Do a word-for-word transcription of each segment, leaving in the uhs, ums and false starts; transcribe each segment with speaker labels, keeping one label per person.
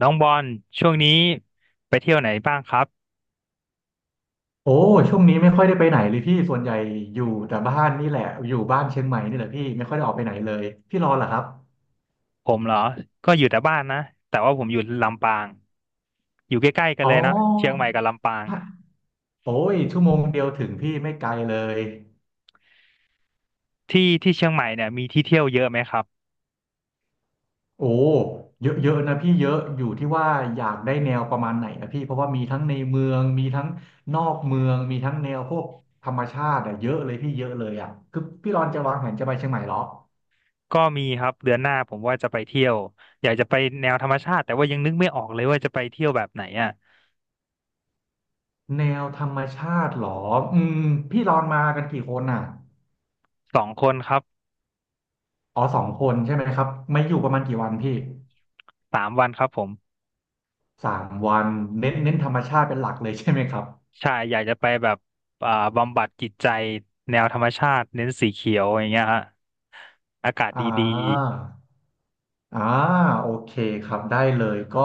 Speaker 1: น้องบอลช่วงนี้ไปเที่ยวไหนบ้างครับ
Speaker 2: โอ้ช่วงนี้ไม่ค่อยได้ไปไหนเลยพี่ส่วนใหญ่อยู่แต่บ้านนี่แหละอยู่บ้านเชียงใหม่นี่แหละพี่ไม่ค่อยได้ออกไปไหนเลยพี่รอเหรอครับ
Speaker 1: ผมเหรอก็อยู่แต่บ้านนะแต่ว่าผมอยู่ลำปางอยู่ใกล้ๆกัน
Speaker 2: อ๋อ
Speaker 1: เลยนะเชียงใหม่กับลำปาง
Speaker 2: ฮะโอ้ยชั่วโมงเดียวถึงพี่ไม่ไกลเลย
Speaker 1: ที่ที่เชียงใหม่เนี่ยมีที่เที่ยวเยอะไหมครับ
Speaker 2: โอ้เยอะเยอะนะพี่เยอะอยู่ที่ว่าอยากได้แนวประมาณไหนนะพี่เพราะว่ามีทั้งในเมืองมีทั้งนอกเมืองมีทั้งแนวพวกธรรมชาติอะเยอะเลยพี่เยอะเลยอะคือพี่รอนจะวางแผนจะไปเชียงใหม่เหรอ
Speaker 1: ก็มีครับเดือนหน้าผมว่าจะไปเที่ยวอยากจะไปแนวธรรมชาติแต่ว่ายังนึกไม่ออกเลยว่าจะไปเที่ยวแบบไหนอ่ะ
Speaker 2: แนวธรรมชาติเหรออืมพี่รอนมากันกี่คนอ่ะ
Speaker 1: สองคนครับ
Speaker 2: อ๋อสองคนใช่ไหมครับไม่อยู่ประมาณกี่วันพี่
Speaker 1: สามวันครับผม
Speaker 2: สามวันเน้นเน้นธรรมชาติเป็นหลักเลย ใช่ไหมครับ
Speaker 1: ใช่อยากจะไปแบบอ่าบำบัดจิตใจแนวธรรมชาติเน้นสีเขียวอย่างเงี้ยฮะอากาศ
Speaker 2: อ่
Speaker 1: ดี
Speaker 2: าอ่าโอเคครับได้เลยก็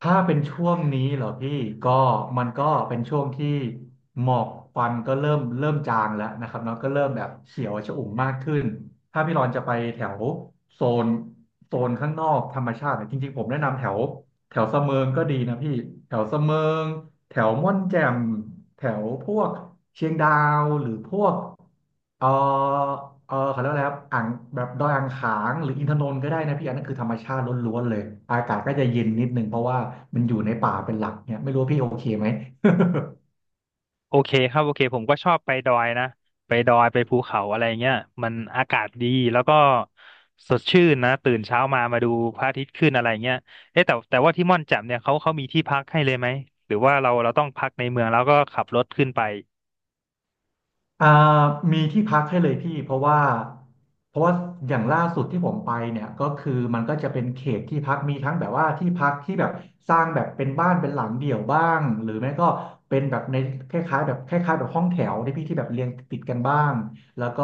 Speaker 2: ถ้าเป็นช่วงนี้เหรอพี่ก็มันก็เป็นช่วงที่หมอกควันก็เริ่มเริ่มจางแล้วนะครับเนาะก็เริ่มแบบเขียวชอุ่มมากขึ้นถ้าพี่รอนจะไปแถวโซนโซนข้างนอกธรรมชาติเนี่ยจริงๆผมแนะนำแถวแถวเสมิงก็ดีนะพี่แถวเสมิง แถวม่อนแจ่มแถวพวกเชียงดาวหรือพวกเออเออเขาเรียกว่าอะไรครับอ่างแบบดอยอ่างขางหรืออินทนนท์ก็ได้นะพี่อันนั้นคือธรรมชาติล้วนๆเลยอากาศก็จะเย็นนิดนึงเพราะว่ามันอยู่ในป่าเป็นหลักเนี่ยไม่รู้ว่าพี่โอเคไหม
Speaker 1: โอเคครับโอเคผมก็ชอบไปดอยนะไปดอยไปภูเขาอะไรเงี้ยมันอากาศดีแล้วก็สดชื่นนะตื่นเช้ามามาดูพระอาทิตย์ขึ้นอะไรเงี้ยเอ๊ะแต่แต่ว่าที่ม่อนแจ่มเนี่ยเขาเขามีที่พักให้เลยไหมหรือว่าเราเราต้องพักในเมืองแล้วก็ขับรถขึ้นไป
Speaker 2: อ่ามีที่พักให้เลยพี่เพราะว่าเพราะว่าอย่างล่าสุดที่ผมไปเนี่ยก็คือมันก็จะเป็นเขตที่พักมีทั้งแบบว่าที่พักที่แบบสร้างแบบเป็นบ้านเป็นหลังเดี่ยวบ้างหรือไม่ก็เป็นแบบในคล้ายๆแบบคล้ายๆแบบห้องแถวที่พี่ที่แบบเรียงติดกันบ้างแล้วก็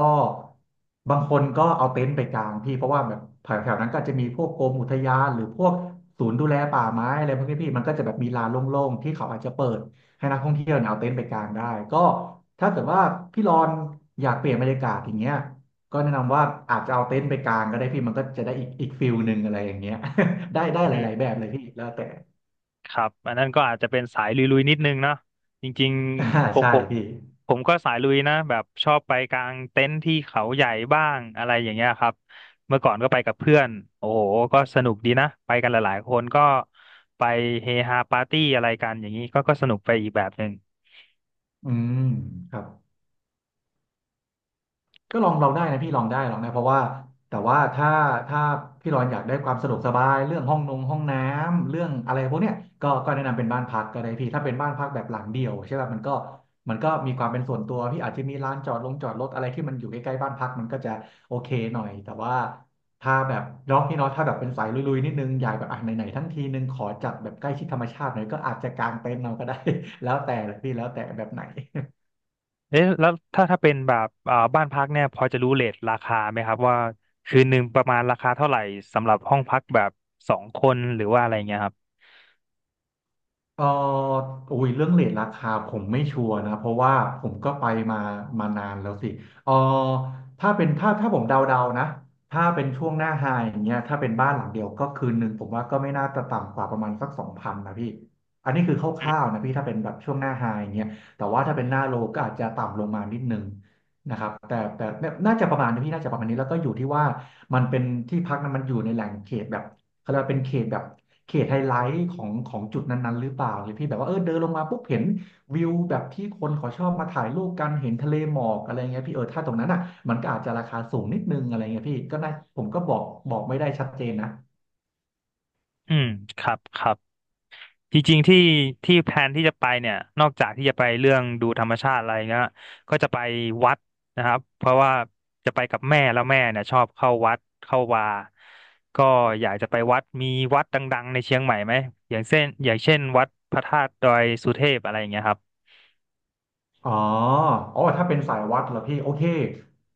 Speaker 2: บางคนก็เอาเต็นท์ไปกางพี่เพราะว่าแบบแถวๆนั้นก็อาจจะมีพวกกรมอุทยานหรือพวกศูนย์ดูแลป่าไม้อะไรพวกนี้พี่มันก็จะแบบมีลานโล่งๆที่เขาอาจจะเปิด ให้นักท่องเที่ยวเนี่ยเอาเต็นท์ไปกางได้ก็ถ้าเกิดว่าพี่รอนอยากเปลี่ยนบรรยากาศอย่างเงี้ยก็แนะนำว่าอาจจะเอาเต็นท์ไปกางก็ได้พี่มันก็จะได้อีกอีกฟิลหนึ่งอะไรอย่างเงี้ย ได้ได้ห
Speaker 1: อื
Speaker 2: ลาย
Speaker 1: ม
Speaker 2: ๆแบบเลยพี่แล้วแต่
Speaker 1: ครับอันนั้นก็อาจจะเป็นสายลุยๆนิดนึงเนาะจริง
Speaker 2: อ่า
Speaker 1: ๆผม
Speaker 2: ใช่
Speaker 1: ผม
Speaker 2: พี่
Speaker 1: ผมก็สายลุยนะแบบชอบไปกางเต็นท์ที่เขาใหญ่บ้างอะไรอย่างเงี้ยครับเมื่อก่อนก็ไปกับเพื่อนโอ้โหก็สนุกดีนะไปกันหลายๆคนก็ไปเฮฮาปาร์ตี้อะไรกันอย่างนี้ก็ก็สนุกไปอีกแบบหนึ่ง
Speaker 2: อืมครับ ก็ลองเราได้นะพี่ลองได้ลองได้เพราะว่าแต่ว่าถ้าถ้าพี่รอนอยากได้ความสะดวกสบายเรื่องห้องนงห้องน้ำเรื่องอะไรพวกเนี้ยก็ก็แนะนำเป็นบ้านพักก็ได้พี่ถ้าเป็นบ้านพักแบบหลังเดียวใช่ป่ะมันก็มันก็มีความเป็นส่วนตัวพี่อาจจะมีร้านจอดลงจอดรถอะไรที่มันอยู่ใกล้ๆบ้านพักมันก็จะโอเคหน่อยแต่ว่าถ้าแบบเนาะพี่เนาะถ้าแบบเป็นสายลุยๆนิดนึงอยากแบบอ่ะไหนๆทั้งทีนึงขอจัดแบบใกล้ชิดธรรมชาติหน่อยก็อาจจะกางเต็นท์เราก็ได้ แล้วแต่เลยพี่แล้วแต่แบบไหน
Speaker 1: เอ๊ะแล้วถ้าถ้าเป็นแบบอ่าบ้านพักเนี่ยพอจะรู้เรทราคาไหมครับว่าคืนหนึ่งประมาณราคาเท่าไหร่สำหรับห้องพักแบบสองคนหรือว่าอะไรเงี้ยครับ
Speaker 2: ก็อุ้ยเรื่องเรทราคาผมไม่ชัวร์นะเพราะว่าผมก็ไปมามานานแล้วสิเออถ้าเป็นถ้าถ้าผมเดาๆนะ ถ้าเป็นช่วงหน้าไฮอย่างเงี้ยถ้าเป็นบ้านหลังเดียวก็คืนหนึ่งผมว่าก็ไม่น่าจะต่ำกว่าประมาณสักสองพันนะพี่อันนี้คือคร่าวๆนะพี่ถ้าเป็นแบบช่วงหน้าไฮอย่างเงี้ยแต่ว่าถ้าเป็นหน้าโลก็อาจจะต่ำลงมานิดนึงนะครับแต่แต่น่าจะประมาณนี้พี่น่าจะประมาณนี้แล้วก็อยู่ที่ว่ามันเป็นที่พักนั้นมันอยู่ในแหล่งเขตแบบ เขาเรียกว่าเป็นเขตแบบเขตไฮไลท์ของของจุดนั้นๆหรือเปล่าเนี่ยพี่แบบว่าเออเดินลงมาปุ๊บเห็นวิวแบบที่คนเขาชอบมาถ่ายรูปกันเห็นทะเลหมอกอะไรเงี้ยพี่เออถ้าตรงนั้นอ่ะมันก็อาจจะราคาสูงนิดนึงอะไรเงี้ยพี่ก็น่าผมก็บอกบอกไม่ได้ชัดเจนนะ
Speaker 1: อืมครับครับ จริงๆที่ที่แพลนที่จะไปเนี่ยนอกจากที่จะไปเรื่องดูธรรมชาติอะไรเงี้ยก็จะไปวัดนะครับเพราะว่าจะไปกับแม่แล้วแม่เนี่ยชอบเข้าวัดเข้าวาก็อยากจะไปวัดมีวัดดังๆในเชียงใหม่ไหมอย่างเช่นอย่างเช่นวัดพระธาตุดอยสุเทพอะไรอย่างเงี้ยครับ
Speaker 2: อ๋ออ๋อถ้าเป็นสายวัดเหรอพี่โอเค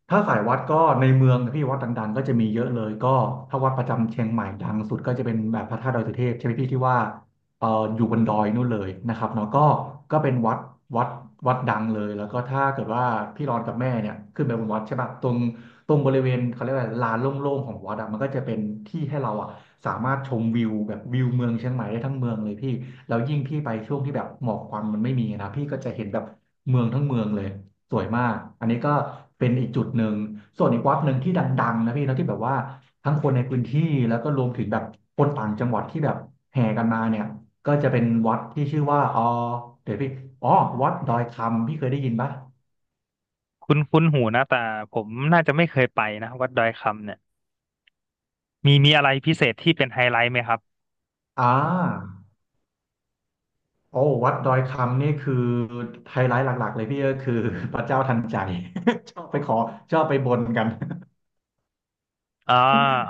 Speaker 2: ถ้าสายวัดก็ในเมืองนะพี่วัดดังๆก็จะมีเยอะเลยก็ถ้าวัดประจำเชียงใหม่ดังสุดก็จะเป็นแบบพระธาตุดอยสุเทพใช่ไหมพี่ที่ว่า เอ่ออยู่บนดอยนู่นเลยนะครับเนาะก็ก็เป็นวัดวัดวัดดังเลยแล้วก็ถ้าเกิดว่าพี่รอนกับแม่เนี่ยขึ้นไปบนวัดใช่ปะตรงตรงบริเวณเขาเรียกว่าลานโล่งๆของวัดอะมันก็จะเป็นที่ให้เราอะสามารถชมวิวแบบวิวเมืองเชียงใหม่ได้ทั้งเมืองเลยพี่แล้วยิ่งพี่ไปช่วงที่แบบหมอกควันมันไม่มีนะพี่ก็จะเห็นแบบเมืองทั้งเมืองเลยสวยมากอันนี้ก็เป็นอีกจุดหนึ่งส่วนอีกวัดหนึ่งที่ดังๆนะพี่นาะที่แบบว่า ทั้งคนในพื้นที่แล้วก็รวมถึงแบบคนต่างจังหวัดที่แบบแห่กันมาเนี่ยก็จะเป็นวัดที่ชื่อว่าอ๋อเดี๋ยวพี่อ๋อวัดดอยคำพี่เคยได้ยินปะ
Speaker 1: คุ้นคุ้นหูนะแต่ผมน่าจะไม่เคยไปนะวัดดอยคำเนี่ยมีมีอะไรพิเศษที่เป็นไฮไลท์ไหมครับ
Speaker 2: อ่าโอ้วัดดอยคำนี่คือไฮไลท์หลักๆเลยพี่ก็คือ พระเจ้าทันใจชอบไปขอชอบไปบนกัน
Speaker 1: อ่า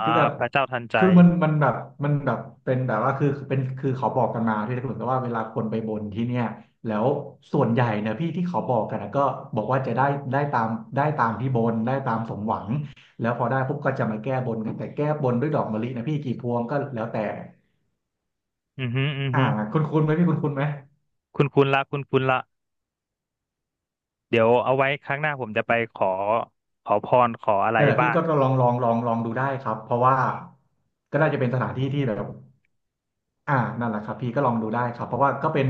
Speaker 1: อ่า
Speaker 2: คือแบบ
Speaker 1: พระเจ้าทันใจ
Speaker 2: คือมันมันแบบมันแบบเป็นแบบว่าคือเป็นคือเขาบอกกันมาที่เหมือนกับว่าเวลาคนไปบนที่เนี่ยแล้วส่วนใหญ่เนี่ยพี่ที่เขาบอกกันนะก็บอกว่าจะได้ได้ตามได้ตามที่บนได้ตามสมหวังแล้วพอได้ปุ๊บก็จะมาแก้บนกันแต่แก้บนด้วยดอกมะลินะพี่กี่พวงก็แล้วแต่
Speaker 1: อือฮึอือ
Speaker 2: อ่า
Speaker 1: ฮึ
Speaker 2: คุณคุณไหมพี่คุณคุณไหม
Speaker 1: คุ้นคุ้นละคุ้นคุ้นละ เดี๋ยวเอาไว้ครั้งหน้าผมจะไปขอขอพรขออะไร
Speaker 2: นั่นแหละพี่
Speaker 1: บ้าง
Speaker 2: ก็ลองลองลองลองดูได้ครับเพราะว่าก็น่าจะเป็นสถานที่ที่แบบอ่านั่นแหละครับพี่ก็ลองดูได้ครับเพราะว่าก็เป็น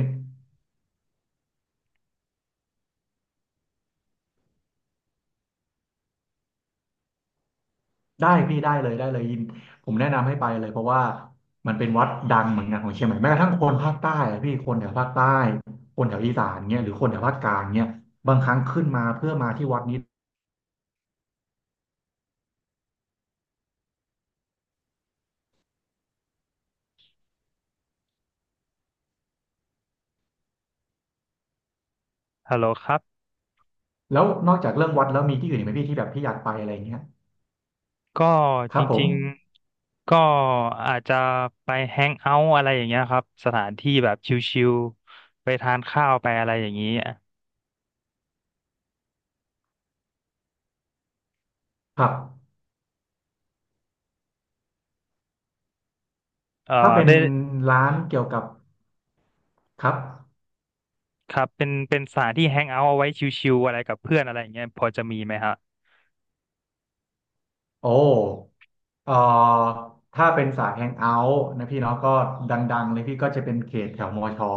Speaker 2: ได้พี่ได้เลยได้เลยยินผมแนะนำให้ไปเลยเพราะว่ามันเป็นวัดดังเหมือนกันของเชียงใหม่แม้กระทั่งคนภาคใต้อะพี่คนแถวภาคใต้คนแถวอีสานเนี่ยหรือคนแถวภาคกลางเนี่ยบางครั้งขึ้นมาเพื่อมาที่วัดนี้
Speaker 1: ฮัลโหลครับ
Speaker 2: แล้วนอกจากเรื่องวัดแล้วมีที่อื่นอีกไหมพี่ที่แบบพี่อยากไปอะไรอย่างเงี้ย
Speaker 1: ก็
Speaker 2: ค
Speaker 1: จ
Speaker 2: รับผม
Speaker 1: ริงๆก็อาจจะไปแฮงเอาท์อะไรอย่างเงี้ยครับสถานที่แบบชิลๆไปทานข้าวไปอะไรอย่างนี้
Speaker 2: ครับ
Speaker 1: เอ่อ
Speaker 2: ถ้าเป็น
Speaker 1: ได้
Speaker 2: ร้านเกี่ยวกับครับ
Speaker 1: ครับเป็นเป็นสถานที่แฮงเอาท์เอาไว้ชิลๆอะไรกับเพื่อนอะไรอย่างเงี้ยพอจะมีไหมฮะ
Speaker 2: โอ้เอ่อถ้าเป็นสายแฮงเอาท์นะพี่เนาะก็ดังๆเลยพี่ก็จะเป็นเขตแถวมอชอ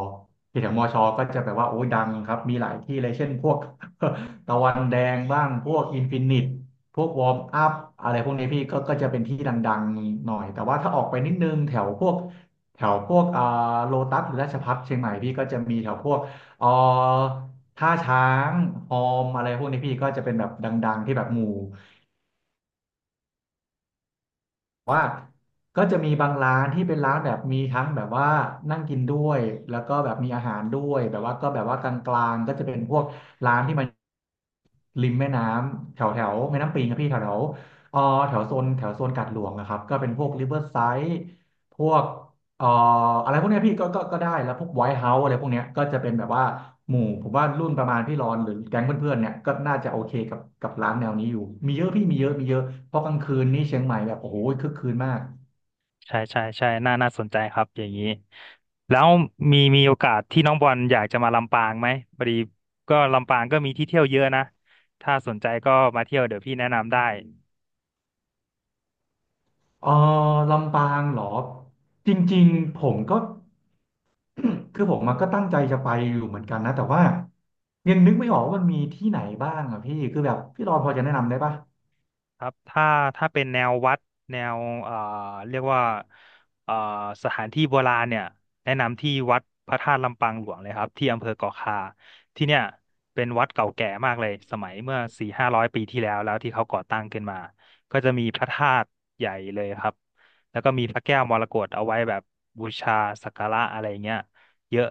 Speaker 2: เขตแถวมอชอก็จะแบบว่าโอ้ยดังครับมีหลายที่เลยเช่นพวก ตะวันแดงบ้างพวกอินฟินิตพวกวอร์มอัพอะไรพวกนี้พี่ก็ก็จะเป็นที่ดังๆหน่อยแต่ว่าถ้าออกไปนิดนึงแถวพวกแถวพวกอ่าโลตัสหรือราชภัฏเชียงใหม่พี่ก็จะมีแถวพวกเอ่อท่าช้างฮอมอะไรพวกนี้พี่ก็จะเป็นแบบดังๆที่แบบหมู่ ก็จะมีบางร้านที่เป็นร้านแบบมีทั้งแบบว่านั่งกินด้วยแล้วก็แบบมีอาหารด้วยแบบว่าก็แบบว่ากลางๆก็จะเป็นพวกร้านที่มันริมแม่น้ำแถวแถวแม่น้ำปิงครับพี่แถวแถวเอ่อแถวโซนแถวโซนกาดหลวงนะครับก็เป็นพวกริเวอร์ไซด์พวกเอ่ออะไรพวกเนี้ยพี่ก็ก็ก็ได้แล้วพวกไวท์เฮาส์อะไรพวกเนี้ยก็จะเป็นแบบว่าหมู่ผมว่ารุ่นประมาณพี่รอนหรือแก๊งเพื่อนๆเนี่ยก็น่าจะโอเคกับกับร้านแนวนี้อยู่มีเยอะพี่มีเยอะมีเยอะเพราะกลางคืนนี่เชียงใหม่แบบโอ้โหคึกคืนมาก
Speaker 1: ใช่ใช่ใช่น่าน่าสนใจครับอย่างนี้แล้วมีมีโอกาสที่น้องบอลอยากจะมาลำปางไหมพอดีก็ลำปางก็มีที่เที่ยวเยอะนะถ้าสนใจก็มาเที่ยวเดี๋ยวพี่แนะนำได้
Speaker 2: เออลำปางเหรอจริงๆผมก็ คือผมมาก็ตั้งใจจะไปอยู่เหมือนกันนะแต่ว่ายังนึกไม่ออกว่ามันมีที่ไหนบ้างอะพี่คือแบบพี่รอนพอจะแนะนำได้ปะ
Speaker 1: ครับถ้าถ้าเป็นแนววัดแนวเอ่อเรียกว่าเอ่อสถานที่โบราณเนี่ยแนะนำที่วัดพระธาตุลำปางหลวงเลยครับที่อำเภอเกาะคาที่เนี่ยเป็นวัดเก่าแก่มากเลยสมัยเมื่อสี่ห้าร้อยปีที่แล้วแล้วที่เขาก่อตั้งขึ้นมาก็จะมีพระธาตุใหญ่เลยครับแล้วก็มีพระแก้วมรกตเอาไว้แบบบูชาสักการะอะไรเงี้ยเยอะ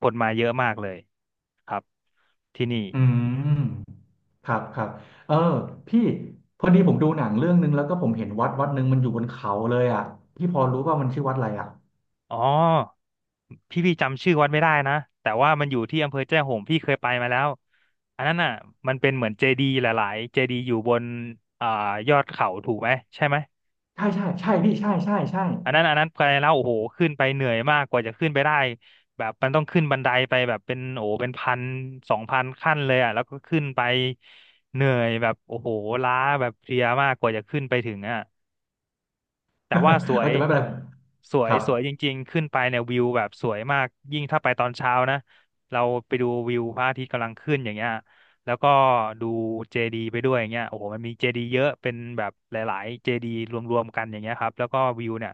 Speaker 1: คนมาเยอะมากเลยครับที่นี่
Speaker 2: อืมครับครับเออพี่พอดีผมดูหนังเรื่องนึงแล้วก็ผมเห็นวัดวัดหนึ่งมันอยู่บนเขาเลยอะพี่พอรู้ว่ามันชื่อวัดอะไรอะ
Speaker 1: อ๋อพี่พี่จำชื่อวัดไม่ได้นะแต่ว่ามันอยู่ที่อำเภอแจ้ห่มพี่เคยไปมาแล้วอันนั้นน่ะมันเป็นเหมือนเจดีย์หลายๆเจดีย์อยู่บนอ่ายอดเขาถูกไหมใช่ไหม
Speaker 2: ใช่ใช่ใช่พี่ใช่ใช่ใช่
Speaker 1: อันนั้นอันนั้นไปแล้วโอ้โหขึ้นไปเหนื่อยมากกว่าจะขึ้นไปได้แบบมันต้องขึ้นบันไดไปแบบเป็นโอ้โหเป็นพันสองพันขั้นเลยอ่ะแล้วก็ขึ้นไปเหนื่อยแบบโอ้โหล้าแบบเพลียมากกว่าจะขึ้นไปถึงอ่ะ แต่ว่าส ว
Speaker 2: เออ
Speaker 1: ย
Speaker 2: แต่ไม่เป็นไร
Speaker 1: สว
Speaker 2: ค
Speaker 1: ย
Speaker 2: รับ
Speaker 1: สวยจริงๆขึ้นไปเนี่ยวิวแบบสวยมากยิ่งถ้าไปตอนเช้านะเราไปดูวิวพระอาทิตย์กำลังขึ้นอย่างเงี้ยแล้วก็ดูเจดีไปด้วยอย่างเงี้ยโอ้โหมันมีเจดีเยอะเป็นแบบหลายๆเจดีรวมๆกันอย่างเงี้ยครับแล้วก็วิวเนี่ย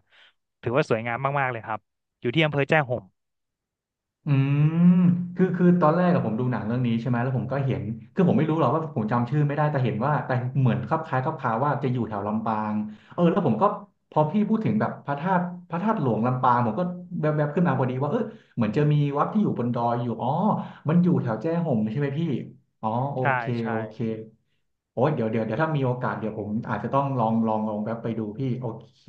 Speaker 1: ถือว่าสวยงามมากๆเลยครับอยู่ที่อำเภอแจ้ห่ม
Speaker 2: อืมคือคือตอนแรกกับผมดูหนังเรื่องนี้ใช่ไหมแล้วผมก็เห็นคือผมไม่รู้หรอกว่าผมจำชื่อไม่ได้แต่เห็นว่าแต่เหมือนคลับคล้ายคลับคาว่าจะอยู่แถวลำปางเออแล้วผมก็พอพี่พูดถึงแบบพระธาตุพระธาตุหลวงลำปางผมก็แวบๆขึ้นมาพอดีว่าเออเหมือนจะมีวัดที่อยู่บนดอยอยู่อ๋อมันอยู่แถวแจ้ห่มใช่ไหมพี่อ๋อโอ
Speaker 1: ใช่
Speaker 2: เคโอ
Speaker 1: ใช่
Speaker 2: เคโอ้ยเดี๋ยวเดี๋ยวเดี๋ยวถ้ามีโอกาสเดี๋ยวผมอาจจะต้องลองลองลองแวบไปดูพี่โอเค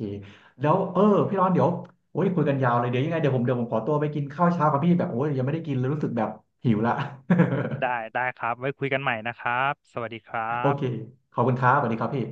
Speaker 2: แล้วเออพี่ร้อนเดี๋ยว โอ้ยคุยกันยาวเลยเดี๋ยวยังไงเดี๋ยวผมเดี๋ยวผมขอตัวไปกินข้าวเช้าครับพี่แบบโอ้ยยังไม่ได้กินเลยรู้สึกแบบหิวละ
Speaker 1: ได้ได้ครับไว้คุยกันใหม่นะครับสวัสดีครั
Speaker 2: โอเค
Speaker 1: บ
Speaker 2: ขอบคุณครับสวัสดีครับพี่